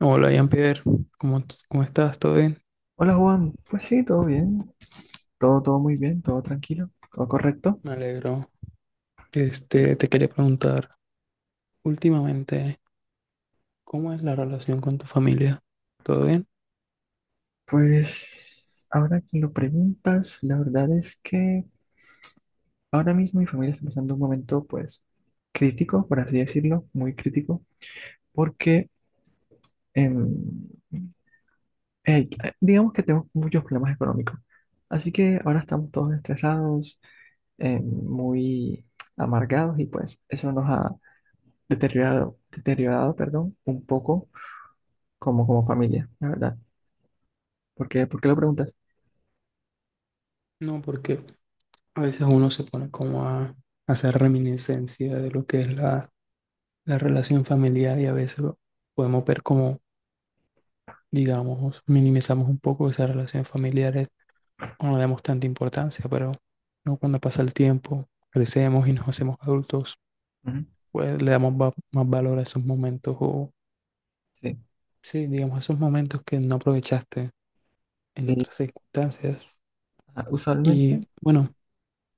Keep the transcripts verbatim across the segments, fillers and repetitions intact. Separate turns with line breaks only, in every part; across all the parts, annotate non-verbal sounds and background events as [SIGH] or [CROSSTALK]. No, hola, Jean-Pierre, ¿cómo, t- cómo estás? ¿Todo bien?
Hola Juan, pues sí, todo bien, todo, todo muy bien, todo tranquilo, todo correcto.
Me alegro. Este, te quería preguntar, últimamente, ¿cómo es la relación con tu familia? ¿Todo bien?
Pues ahora que lo preguntas, la verdad es que ahora mismo mi familia está pasando un momento pues crítico, por así decirlo, muy crítico, porque em, eh, digamos que tenemos muchos problemas económicos. Así que ahora estamos todos estresados, em, muy amargados y pues eso nos ha deteriorado, deteriorado, perdón, un poco como, como familia, la verdad. ¿Por qué? ¿Por qué lo preguntas?
No, porque a veces uno se pone como a, hacer reminiscencia de lo que es la, la relación familiar y a veces podemos ver como, digamos, minimizamos un poco esas relaciones familiares, no le damos tanta importancia, pero ¿no? Cuando pasa el tiempo, crecemos y nos hacemos adultos,
Ujú.
pues le damos va- más valor a esos momentos o
Sí,
sí, digamos, esos momentos que no aprovechaste en
sí.
otras circunstancias.
Ah,
Y
usualmente.
bueno,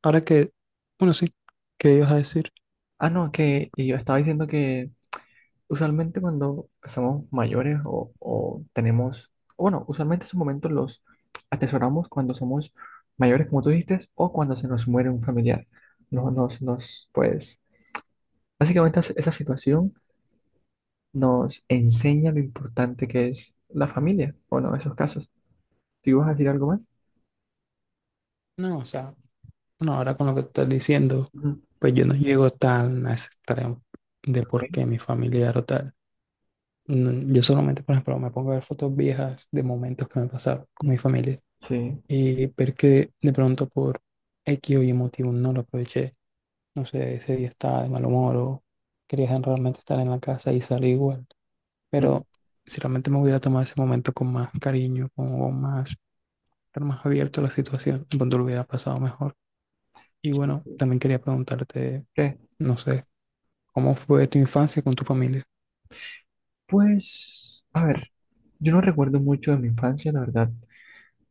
ahora que, bueno, sí, ¿qué ibas a decir?
Ah, no, que y yo estaba diciendo que usualmente cuando somos mayores o, o tenemos, o bueno, usualmente esos momentos los atesoramos cuando somos mayores, como tú dijiste, o cuando se nos muere un familiar. No, nos, nos, pues, básicamente es- esa situación nos enseña lo importante que es la familia, bueno, en esos casos. ¿Tú ibas a decir algo más?
No, o sea, bueno, ahora con lo que estás diciendo,
Ujú.
pues yo no llego tan a ese extremo de
Ok.
por qué mi familiar o tal. No, yo solamente, por ejemplo, me pongo a ver fotos viejas de momentos que me pasaron con
Mm.
mi familia
Sí.
y ver que de pronto por X o Y motivo no lo aproveché. No sé, ese día estaba de mal humor o quería realmente estar en la casa y salí igual.
Mm.
Pero si realmente me hubiera tomado ese momento con más cariño, con más, estar más abierto a la situación, cuando lo hubiera pasado mejor. Y
Sí,
bueno,
sí.
también quería preguntarte,
¿Qué?
no sé, ¿cómo fue tu infancia con tu familia?
Pues, a ver, yo no recuerdo mucho de mi infancia, la verdad.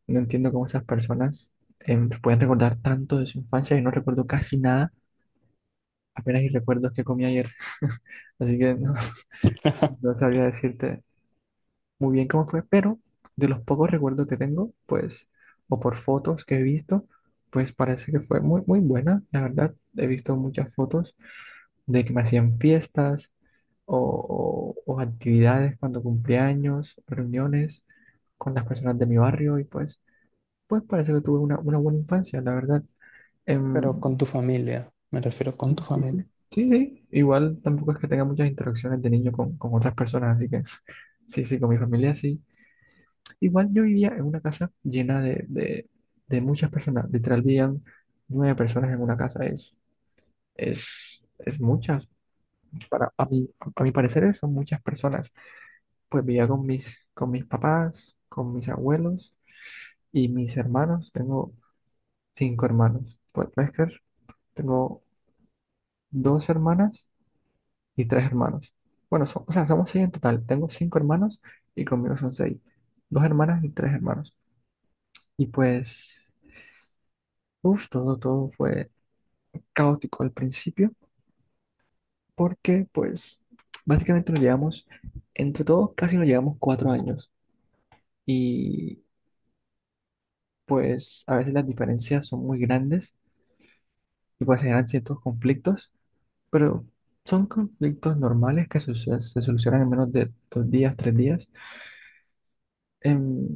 No entiendo cómo esas personas em, pueden recordar tanto de su infancia. Y no recuerdo casi nada, apenas y recuerdo qué comí ayer. [LAUGHS] Así que no,
[LAUGHS]
no sabría decirte muy bien cómo fue, pero de los pocos recuerdos que tengo, pues, o por fotos que he visto, pues parece que fue muy, muy buena. La verdad, he visto muchas fotos de que me hacían fiestas o, o- o actividades cuando cumplía años, reuniones con las personas de mi barrio y pues, pues parece que tuve una, una buena infancia, la verdad. Em,
Pero con tu familia, me refiero con
sí,
tu
sí, sí.
familia.
Sí, sí. Igual tampoco es que tenga muchas interacciones de niño con, con otras personas, así que sí, sí, con mi familia sí. Igual yo vivía en una casa llena de, de, de muchas personas. Literal vivían nueve personas en una casa. Es, es, es muchas. Para, a mí, a mi parecer son muchas personas. Pues vivía con mis, con mis papás, con mis abuelos y mis hermanos. Tengo cinco hermanos. Pues puedes creer, tengo dos hermanas y tres hermanos. Bueno, so- o sea, somos seis en total. Tengo cinco hermanos y conmigo son seis. Dos hermanas y tres hermanos. Y pues, uff, todo, todo fue caótico al principio, porque pues básicamente nos llevamos, entre todos casi nos llevamos cuatro años y pues a veces las diferencias son muy grandes y pues se generan ciertos conflictos, pero son conflictos normales que se, se- solucionan en menos de dos días, tres días. Em,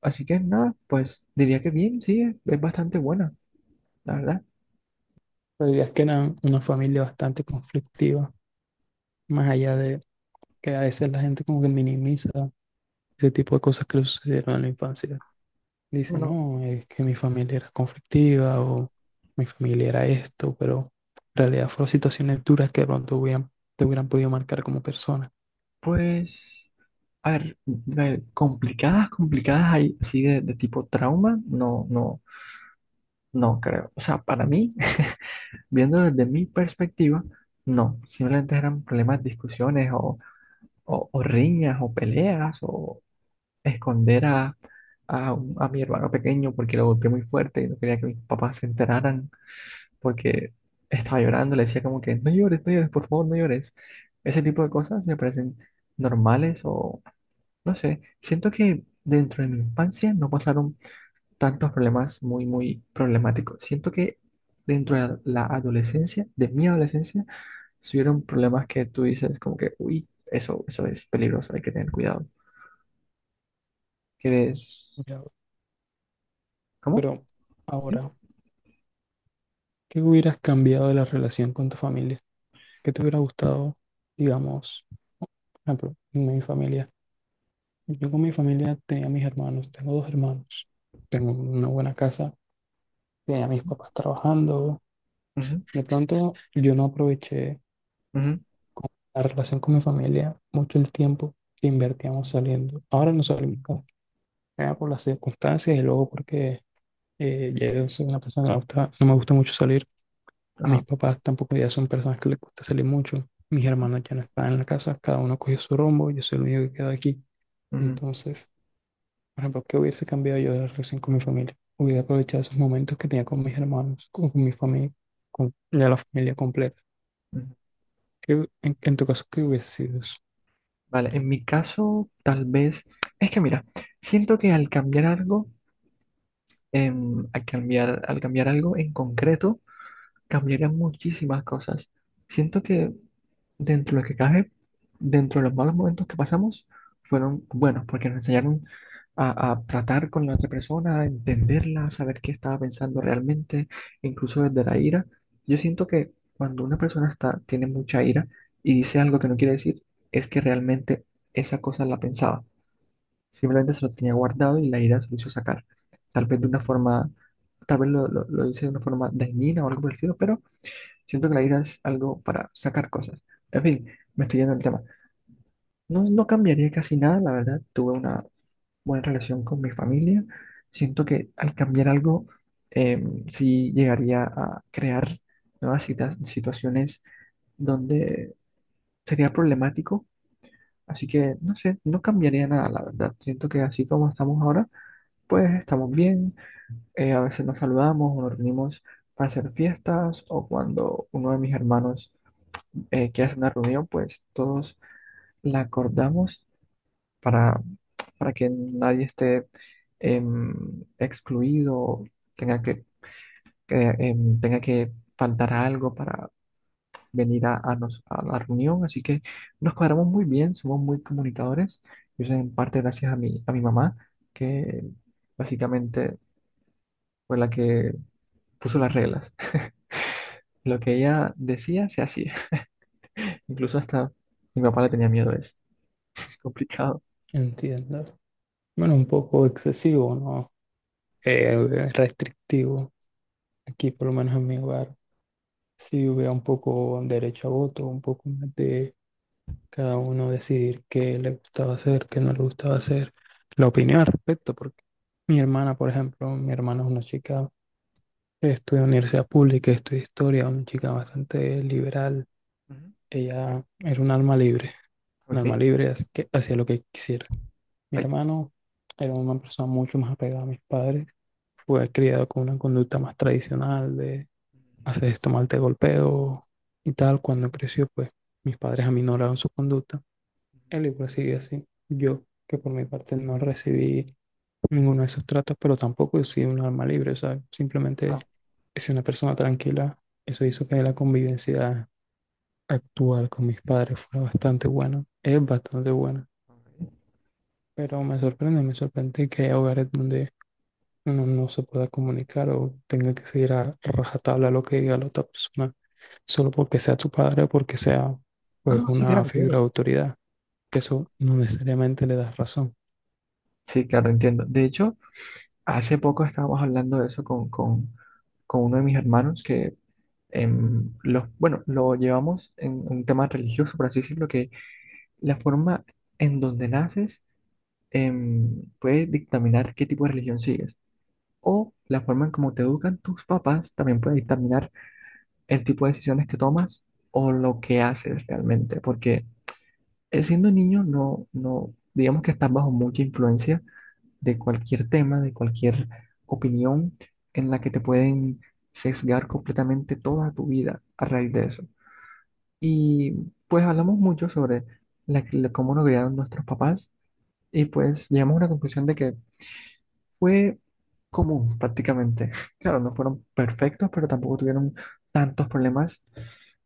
Así que nada, pues diría que bien, sí, es, es bastante buena, la verdad.
Pero dirías que eran una familia bastante conflictiva, más allá de que a veces la gente como que minimiza ese tipo de cosas que le sucedieron en la infancia. Dice,
Bueno,
no, es que mi familia era conflictiva o mi familia era esto, pero en realidad fueron situaciones duras que de pronto hubieran, te hubieran podido marcar como persona.
pues, a ver, eh, complicadas, complicadas hay así de, de tipo trauma, no, no. No creo. O sea, para mí, [LAUGHS] viendo desde mi perspectiva, no. Simplemente eran problemas, discusiones o, o- o riñas o peleas o esconder a, a, un- a mi hermano pequeño porque lo golpeé muy fuerte y no quería que mis papás se enteraran porque estaba llorando. Le decía como que no llores, no llores, por favor, no llores. Ese tipo de cosas me parecen normales o no sé. Siento que dentro de mi infancia no pasaron tantos problemas muy, muy problemáticos. Siento que dentro de la adolescencia, de mi adolescencia, si hubieron problemas que tú dices como que, uy, eso, eso es peligroso, hay que tener cuidado. ¿Quieres?
Ya,
¿Cómo?
pero
¿Sí?
ahora, ¿qué hubieras cambiado de la relación con tu familia? ¿Qué te hubiera gustado, digamos, por ejemplo, en mi familia? Yo con mi familia tenía mis hermanos, tengo dos hermanos, tengo una buena casa, tenía a mis papás trabajando.
Ujú,
De pronto yo no aproveché
ujú,
con la relación con mi familia, mucho el tiempo que invertíamos saliendo. Ahora no salimos como sea, por las circunstancias y luego porque eh, ya yo soy una persona que no, gusta- no me gusta mucho salir. A mis
ajá,
papás tampoco ya son personas que les gusta salir mucho. Mis hermanos ya no están en la casa, cada uno cogió su rumbo, yo soy el único que queda aquí.
ujú,
Entonces, por ejemplo, ¿qué hubiese cambiado yo de la relación con mi familia? Hubiera aprovechado esos momentos que tenía con mis hermanos, con, con mi familia, con ya la familia completa.
ujú.
¿Qué- en, en tu caso, ¿qué hubiese sido eso?
Vale, en mi caso, tal vez, es que mira, siento que al cambiar algo, em, al cambiar, al cambiar algo en concreto, cambiarían muchísimas cosas. Siento que dentro de lo que cabe, dentro de los malos momentos que pasamos, fueron buenos porque nos enseñaron a, a tratar con la otra persona, a entenderla, a saber qué estaba pensando realmente, incluso desde la ira. Yo siento que cuando una persona está, tiene mucha ira y dice algo que no quiere decir, es que realmente esa cosa la pensaba. Simplemente se lo tenía guardado y la ira se lo hizo sacar. Tal vez de una forma, tal vez lo, lo, lo hice de una forma dañina o algo parecido, pero siento que la ira es algo para sacar cosas. En fin, me estoy yendo del tema. No, no cambiaría casi nada, la verdad. Tuve una buena relación con mi familia. Siento que al cambiar algo, eh, sí llegaría a crear nuevas cita- situaciones donde sería problemático. Así que, no sé, no cambiaría nada, la verdad. Siento que así como estamos ahora, pues estamos bien. Eh, a veces nos saludamos o nos reunimos para hacer fiestas o cuando uno de mis hermanos eh, quieras una reunión, pues todos la acordamos para, para que nadie esté em, excluido, tenga que, que, em, tenga que faltar a algo para venir a, a nos- a la reunión. Así que nos cuadramos muy bien, somos muy comunicadores. Y eso en parte gracias a mi, a mi mamá, que básicamente fue la que puso las reglas. [LAUGHS] Lo que ella decía se hacía. [LAUGHS] Incluso hasta mi papá le tenía miedo a eso. Es complicado.
Entiendo. Bueno, un poco excesivo, ¿no? Eh, restrictivo. Aquí, por lo menos en mi hogar, sí hubiera un poco derecho a voto, un poco más de cada uno decidir qué le gustaba hacer, qué no le gustaba hacer, la opinión al respecto, porque mi hermana, por ejemplo, mi hermana es una chica, estudia en universidad pública, estudia historia, una chica bastante liberal,
Ujú.
ella era un alma libre, un
Ok.
alma libre, así que hacía lo que quisiera. Mi
Ay.
hermano era una persona mucho más apegada a mis padres, fue criado con una conducta más tradicional de haces esto mal, te golpeo y tal. Cuando creció, pues mis padres aminoraron su conducta. Él igual sigue así. Yo, que por mi parte no recibí ninguno de esos tratos, pero tampoco he sido un alma libre. O sea, simplemente
Ah,
he sido una persona tranquila. Eso hizo que la convivencia actual con mis padres fuera
ok,
bastante buena. Es bastante buena.
ok.
Pero me sorprende, me sorprende que hay hogares donde no, no se pueda comunicar o tenga que seguir a rajatabla lo que diga la otra persona, solo porque sea tu padre o porque sea
No, no.
pues
Mm. Sí,
una
claro, claro.
figura de autoridad, que eso no necesariamente le das razón.
Sí, claro, entiendo. De hecho, hace poco estábamos hablando de eso con, con, con uno de mis hermanos que em, los, bueno, lo llevamos en un tema religioso, por así decirlo, que la forma en donde naces em, puede dictaminar qué tipo de religión sigues. O la forma en cómo te educan tus papás también puede dictaminar el tipo de decisiones que tomas o lo que haces realmente. Porque eh, siendo niño no, no, digamos que estás bajo mucha influencia de cualquier tema, de cualquier opinión en la que te pueden sesgar completamente toda tu vida a raíz de eso. Y pues hablamos mucho sobre la- la- cómo nos criaron nuestros papás y pues llegamos a una conclusión de que fue común prácticamente. [LAUGHS] Claro, no fueron perfectos, pero tampoco tuvieron tantos problemas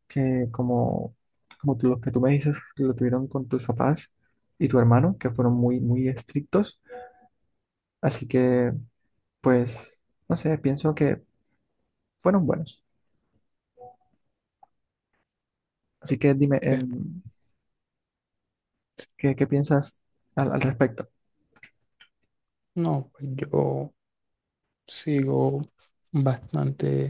que como, como tú- lo que tú me dices, que lo tuvieron con tus papás y tu hermano, que fueron muy, muy estrictos. Así que, pues, no sé, pienso que fueron buenos. Así que dime,
¿Ok?
em, ¿qué, qué piensas al, al respecto?
No, pues yo sigo bastante,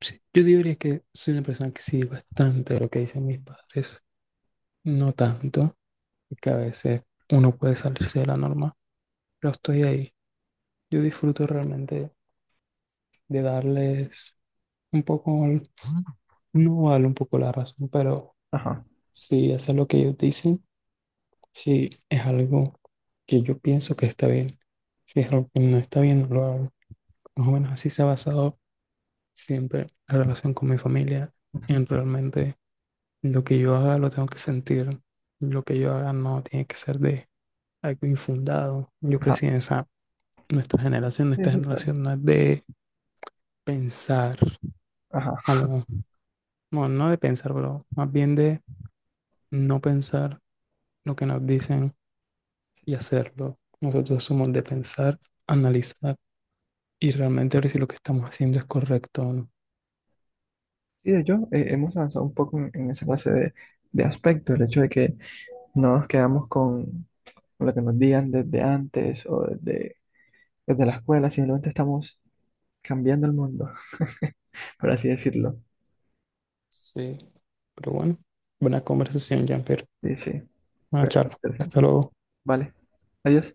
sí, yo diría que soy una persona que sigue bastante lo que dicen mis padres, no tanto, que a veces uno puede salirse de la norma, pero estoy ahí. Yo disfruto realmente de darles un poco, el- no vale un poco la razón, pero
Ajá.
si hacer lo que ellos dicen, si es algo que yo pienso que está bien, si es algo que no está bien, no lo hago. Más o menos así se ha basado siempre la relación con mi familia,
Ujú.
en realmente lo que yo haga lo tengo que sentir, lo que yo haga no tiene que ser de algo infundado. Yo
Ajá.
crecí en esa, nuestra generación,
Sí,
nuestra
sí, claro.
generación no es de pensar
Ajá.
como, bueno, no de pensar, pero más bien de no pensar lo que nos dicen y hacerlo. Nosotros somos de pensar, analizar y realmente ver si lo que estamos haciendo es correcto o no.
Sí, de hecho, eh, hemos avanzado un poco en, en esa clase de, de aspectos, el hecho de que no nos quedamos con lo que nos digan desde antes o desde, desde la escuela, simplemente estamos cambiando el mundo, [LAUGHS] por así decirlo.
Sí, pero bueno, buena conversación, Jean-Pierre.
Sí, sí,
Buena
fue
charla.
interesante.
Hasta luego.
Vale, adiós.